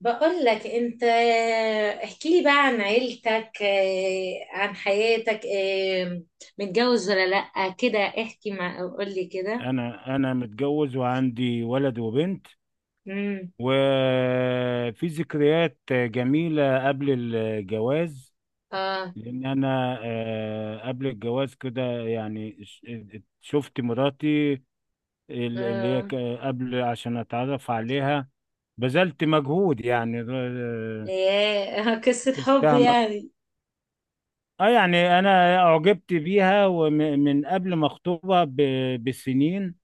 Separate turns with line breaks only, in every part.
بقول لك انت، احكي لي بقى عن عيلتك، عن حياتك، متجوز ولا لأ كده؟ احكي، مع قول لي كده.
انا متجوز وعندي ولد وبنت،
امم
وفي ذكريات جميلة قبل الجواز.
اه.
لان انا قبل الجواز كده يعني شفت مراتي اللي هي
اه.
قبل، عشان اتعرف عليها بذلت مجهود يعني
ياه قصة حب
شفتها م-
يعني.
اه يعني انا اعجبت بيها، ومن قبل ما اخطبها بسنين.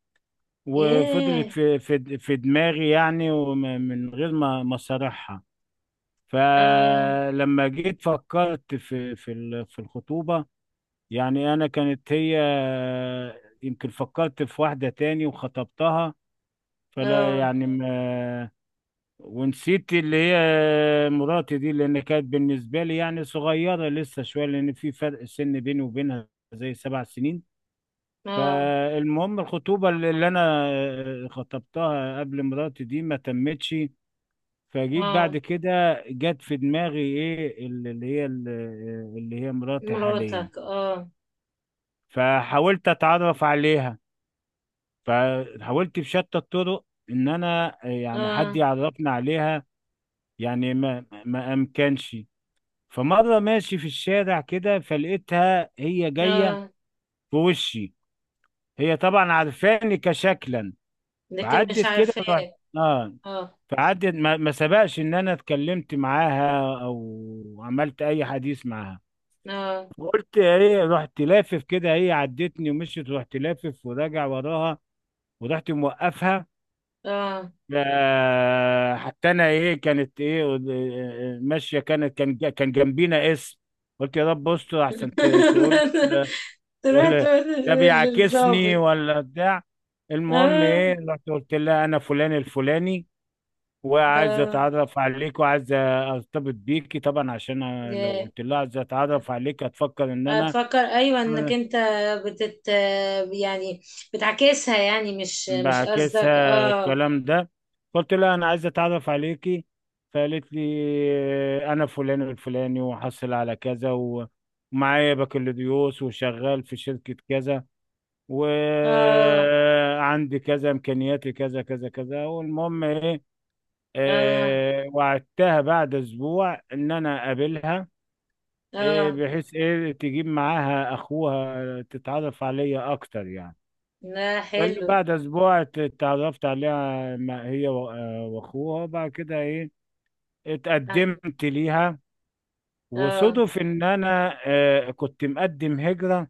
وفضلت
ياه.
في دماغي يعني، ومن غير ما صارحها.
اه.
فلما جيت فكرت في الخطوبة، يعني أنا كانت هي يمكن فكرت في واحدة تاني وخطبتها، فلا
اه.
يعني ما، ونسيت اللي هي مراتي دي، لأن كانت بالنسبة لي يعني صغيرة لسه شوية، لأن في فرق سن بيني وبينها زي 7 سنين.
اه.
فالمهم الخطوبة اللي انا خطبتها قبل مراتي دي ما تمتش. فجيت
اه.
بعد كده جت في دماغي ايه اللي هي مراتي حاليا.
مراتك، اه.
فحاولت اتعرف عليها، فحاولت بشتى الطرق ان انا يعني حد
اه.
يعرفنا عليها، يعني ما امكنش. فمرة ماشي في الشارع كده فلقيتها هي جاية
اه.
في وشي. هي طبعا عارفاني كشكلا.
لكن مش
فعدت كده ورحت.
عارفاه.
اه
اه.
فعدت ما سبقش ان انا اتكلمت معاها او عملت اي حديث معاها.
اه.
قلت ايه، رحت لافف كده، هي عدتني ومشيت، رحت لافف وراجع وراها ورحت موقفها.
اه.
حتى انا ايه كانت ايه ماشيه كانت كان جنبينا اسم. قلت يا رب استر، احسن تقول
تروح
ولا
تقول
ده بيعاكسني
للظابط.
ولا بتاع. المهم
اه.
ايه، رحت قلت لها انا فلان الفلاني وعايز
اه.
اتعرف عليك وعايز ارتبط بيكي، طبعا عشان أنا لو
جا-
قلت لها عايز اتعرف عليك هتفكر ان انا
هتفكر ايوه انك انت بتت، يعني بتعكسها يعني، مش قصدك.
بعكسها
اه.
الكلام ده. قلت لها انا عايز اتعرف عليكي، فقالت لي انا فلان الفلاني وحصل على كذا ومعايا بكالوريوس وشغال في شركة كذا
اه.
وعندي كذا، امكانياتي كذا كذا كذا، والمهم ايه،
اه.
وعدتها بعد اسبوع ان انا اقابلها، إيه،
اه.
بحيث إيه تجيب معاها أخوها تتعرف عليا أكتر يعني.
لا،
بل
حلو.
بعد أسبوع اتعرفت عليها ما هي و وأخوها، وبعد كده إيه
اه.
اتقدمت ليها.
آه.
وصدف إن أنا كنت مقدم هجرة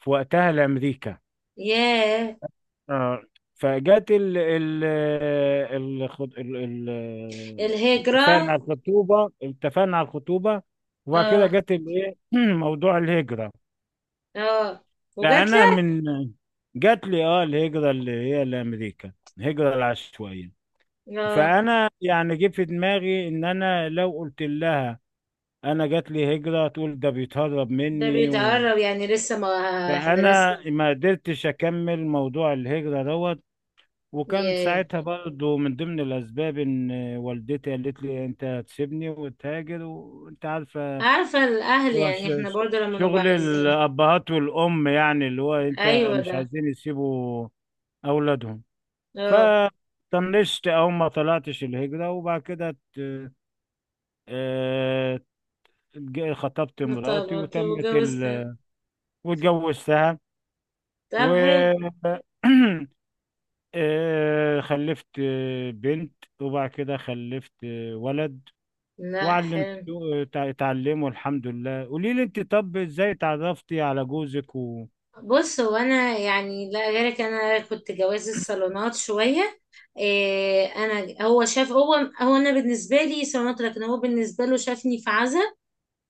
في وقتها لأمريكا.
ياه.
آه فجت ال ال ال الخط- ال ال اتفقنا
الهجرة.
على الخطوبة، وبعد كده
اه.
جت الإيه موضوع الهجرة.
اه.
لا
وجات
انا
لك؟
من جات لي الهجره اللي هي لامريكا، الهجره العشوائيه.
اه،
فانا يعني جه في دماغي ان انا لو قلت لها انا جات لي هجره تقول ده بيتهرب
ده
مني. و...
بيتقرب يعني لسه ما، احنا لسه.
فانا ما قدرتش اكمل موضوع الهجره دوت. وكان
ياه.
ساعتها برضو من ضمن الاسباب ان والدتي قالت لي انت هتسيبني وتهاجر وانت عارفه.
عارفة الأهل
هو
يعني، احنا برضه لما نبقى
شغل
عايزين.
الابهات والام يعني اللي هو انت
أيوة
مش
ده.
عايزين يسيبوا أولادهم.
اه.
فطنشت أو ما طلعتش الهجرة، وبعد كده آه، خطبت مراتي
طب
وتمت
وجوزت؟
واتجوزتها. و
طب حلو.
خلفت بنت، وبعد كده خلفت ولد
لا، حلو.
وعلمته تعلمه الحمد لله. قولي لي انت، طب ازاي اتعرفتي على جوزك؟ و...
بص، هو انا يعني لا غيرك، انا كنت جواز الصالونات شويه. إيه، انا هو شاف، هو هو انا بالنسبه لي صالونات، لكن هو بالنسبه له شافني في عزا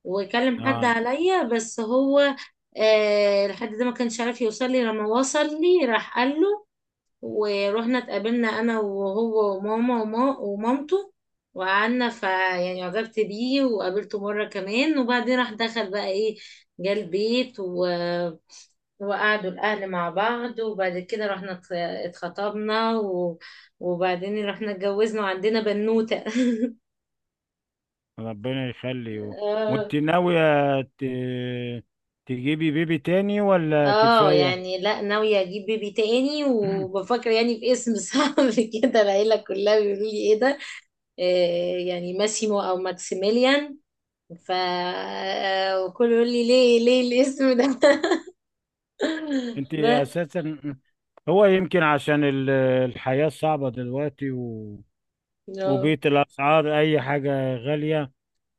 وكلم حد
اه،
عليا، بس هو إيه الحد ده ما كانش عارف يوصل لي. لما وصل لي راح قال له، ورحنا اتقابلنا انا وهو وماما ومامته، وقعدنا. فيعني عجبت بيه، وقابلته مره كمان، وبعدين راح دخل بقى ايه، جه البيت، وقعدوا الأهل مع بعض، وبعد كده رحنا اتخطبنا، و... وبعدين رحنا اتجوزنا، وعندنا بنوتة
ربنا يخليه.
اه.
وانت ناوية ت... تجيبي بيبي تاني ولا
آه،
كفاية؟
يعني لا، ناوية أجيب بيبي تاني، وبفكر يعني في اسم صعب كده، العيلة كلها بيقولوا لي إيه ده. آه، يعني ماسيمو أو ماكسيميليان. ف آه، وكله يقول لي ليه، ليه الاسم ده؟
انت
بس.
اساسا هو يمكن عشان الحياة صعبة دلوقتي، و...
اه.
وبيت الأسعار أي حاجة غالية.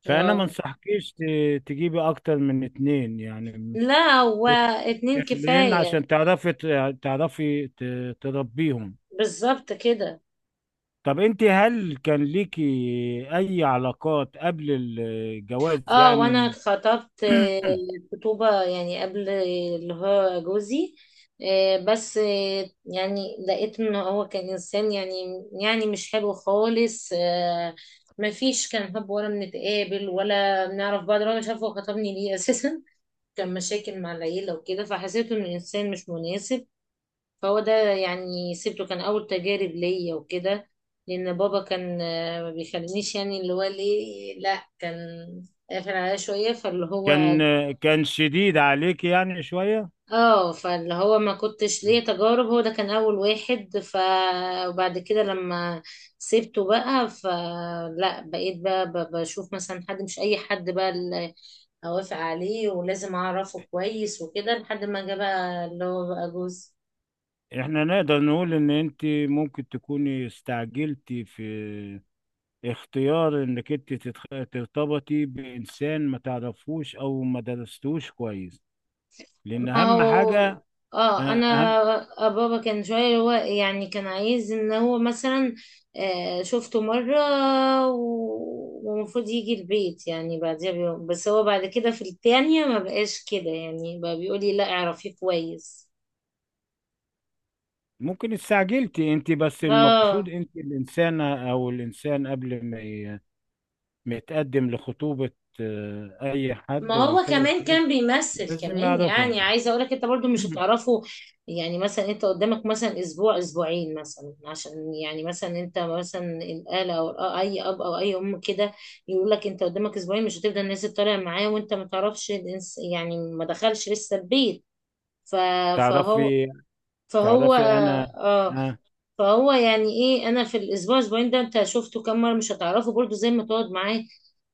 فأنا ما
آه.
انصحكيش تجيبي أكتر من اتنين يعني،
لا، هو اتنين
طفلين،
كفاية.
عشان تعرفي تعرفي تربيهم.
بالظبط كده.
طب أنت هل كان ليكي أي علاقات قبل الجواز
اه، وانا
يعني؟
خطبت، خطوبة يعني قبل اللي هو جوزي، آه، بس آه، يعني لقيت ان هو كان انسان يعني، يعني مش حلو خالص. آه، مفيش، كان حب ولا بنتقابل ولا بنعرف بعض، ولا مش عارفه هو خطبني ليه اساسا. كان مشاكل مع العيلة وكده، فحسيت انه انسان مش مناسب. فهو ده يعني سيبته، كان أول تجارب ليا وكده. لأن بابا كان، آه، ما بيخلينيش، يعني اللي هو ليه، لا كان قافل عليا شوية، فاللي هو
كان كان شديد عليك يعني شوية.
اه، فاللي هو ما كنتش ليه تجارب، هو ده كان أول واحد. وبعد كده لما سيبته بقى، فلا بقيت بقى بشوف مثلا حد، مش أي حد بقى اللي أوافق عليه، ولازم أعرفه كويس وكده، لحد ما جه بقى اللي هو بقى جوز.
احنا نقدر نقول ان انت ممكن تكوني استعجلتي في اختيار انك انت ترتبطي بانسان ما تعرفوش او ما درستوش كويس. لان
ما
اهم
هو
حاجة،
اه،
آه،
انا
اهم
بابا كان شويه هو يعني، كان عايز ان هو مثلا، آه، شفته مره، ومفروض يجي البيت يعني بعديها بيوم، بس هو بعد كده في التانية ما بقاش كده، يعني بقى بيقولي لا، اعرفيه كويس.
ممكن استعجلتي انت، بس المفروض
اه،
انت الانسانة او الانسان قبل ما ما يتقدم لخطوبة، اي
ما
حد
هو
ويرتبط
كمان
بيه
كان بيمثل
لازم
كمان،
يعرفه.
يعني عايزه اقولك انت برضو مش هتعرفه. يعني مثلا انت قدامك مثلا اسبوع اسبوعين مثلا، عشان يعني مثلا انت مثلا الاله او اي اب او اي ام كده، يقول لك انت قدامك اسبوعين، مش هتبدا الناس تطالع معاه وانت ما تعرفش يعني ما دخلش لسه البيت. ف- فهو
تعرفي
فهو
تعرفي انا،
اه، فهو يعني ايه، انا في الاسبوع اسبوعين ده انت شفته كام مره، مش هتعرفه برضو زي ما تقعد معاه.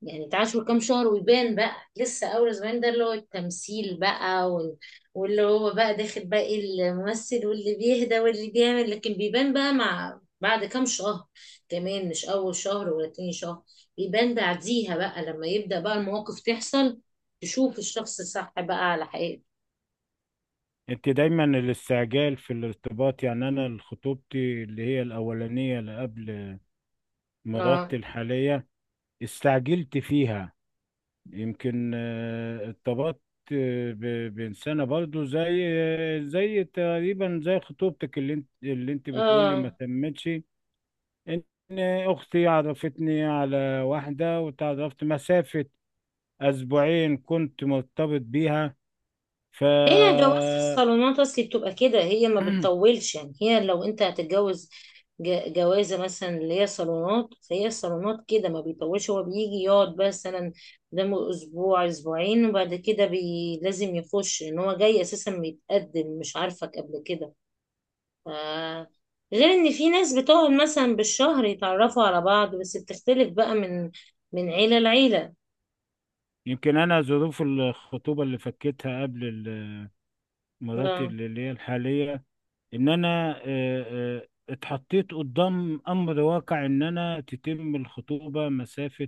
يعني تعاشر كام شهر ويبان بقى. لسه اول اسبوعين ده اللي هو التمثيل بقى، واللي هو بقى داخل بقى إيه، الممثل واللي بيهدى واللي بيعمل. لكن بيبان بقى مع بعد كام شهر، كمان مش اول شهر ولا تاني شهر، بيبان بعديها بقى لما يبدأ بقى المواقف تحصل، تشوف الشخص الصح بقى على حقيقته.
انت دايما الاستعجال في الارتباط يعني. انا خطوبتي اللي هي الاولانيه اللي قبل
اه.
مراتي الحاليه استعجلت فيها. يمكن ارتبطت بانسانه برضو زي زي تقريبا زي خطوبتك، اللي انت بتقولي
اه.
ما تمتش. ان اختي عرفتني على واحده وتعرفت مسافه اسبوعين كنت مرتبط بيها. ف
هي جواز الصالونات اصلي بتبقى كده، هي ما بتطولش يعني. هي لو انت هتتجوز جوازه مثلا اللي هي صالونات، فهي الصالونات كده ما بيطولش. هو بيجي يقعد مثلا قدامه اسبوع اسبوعين، وبعد كده بي، لازم يخش ان هو جاي اساسا بيتقدم، مش عارفك قبل كده. ف، غير ان في ناس بتقعد مثلا بالشهر يتعرفوا على بعض، بس بتختلف بقى من من عيله لعيله.
يمكن انا ظروف الخطوبه اللي فكيتها قبل مراتي
اه.
اللي هي الحاليه، ان انا اتحطيت قدام امر واقع ان انا تتم الخطوبه مسافه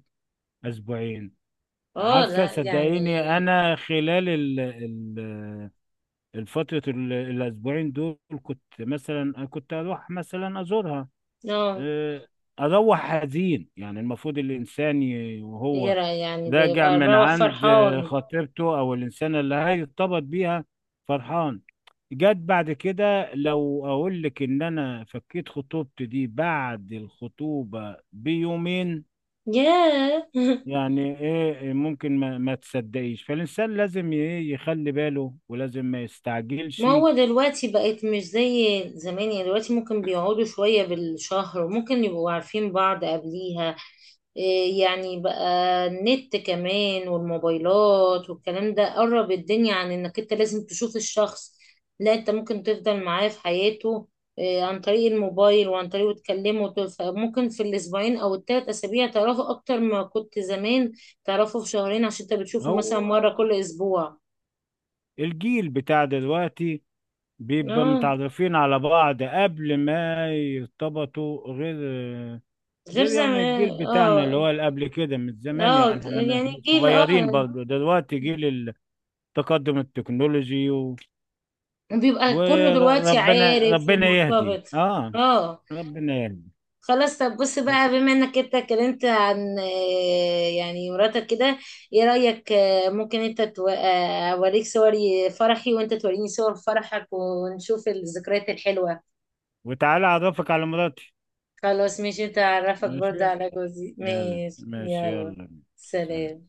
اسبوعين.
اه.
عارفه
لا يعني.
صدقيني انا خلال الفتره الاسبوعين دول كنت مثلا كنت اروح مثلا ازورها،
اه،
آه، اروح حزين يعني. المفروض الانسان وهو
يرى يعني ده
راجع
يبقى
من
مروح
عند
فرحان.
خطيبته او الانسانه اللي هيرتبط بيها فرحان. جت بعد كده لو اقول لك ان انا فكيت خطوبتي دي بعد الخطوبه بيومين،
ياه
يعني ايه، ممكن ما تصدقيش. فالانسان لازم ايه يخلي باله ولازم ما
ما
يستعجلش.
هو دلوقتي بقت مش زي زمان، يعني دلوقتي ممكن بيقعدوا شوية بالشهر وممكن يبقوا عارفين بعض قبليها. إيه يعني بقى، النت كمان والموبايلات والكلام ده قرب الدنيا، عن انك انت لازم تشوف الشخص، لا انت ممكن تفضل معاه في حياته إيه عن طريق الموبايل، وعن طريقه تكلمه. ممكن في الاسبوعين او 3 اسابيع تعرفوا اكتر ما كنت زمان تعرفوا في شهرين، عشان انت بتشوفه مثلا
هو
مرة كل اسبوع.
الجيل بتاع دلوقتي بيبقى
اه،
متعرفين على بعض قبل ما يرتبطوا، غير
غير
غير يعني
زمان.
الجيل بتاعنا اللي
اه.
هو اللي قبل كده من زمان،
اه،
يعني احنا
يعني
إحنا
الجيل
صغيرين
اه،
برضه، دلوقتي جيل التقدم التكنولوجي. و...
بيبقى كله دلوقتي
وربنا
عارف
ربنا يهدي،
ومرتبط.
اه
اه.
ربنا يهدي.
خلاص، طب بص بقى، بما انك انت اتكلمت عن آه، يعني مراتك كده، ايه رأيك آه، ممكن انت آه، اوريك صور فرحي وانت توريني صور فرحك، ونشوف الذكريات الحلوة.
وتعالى اعرفك على مراتي.
خلاص ماشي، انت اعرفك برضه
ماشي
على جوزي.
يلا،
ماشي،
ماشي
يلا.
يلا. سلام.
سلام.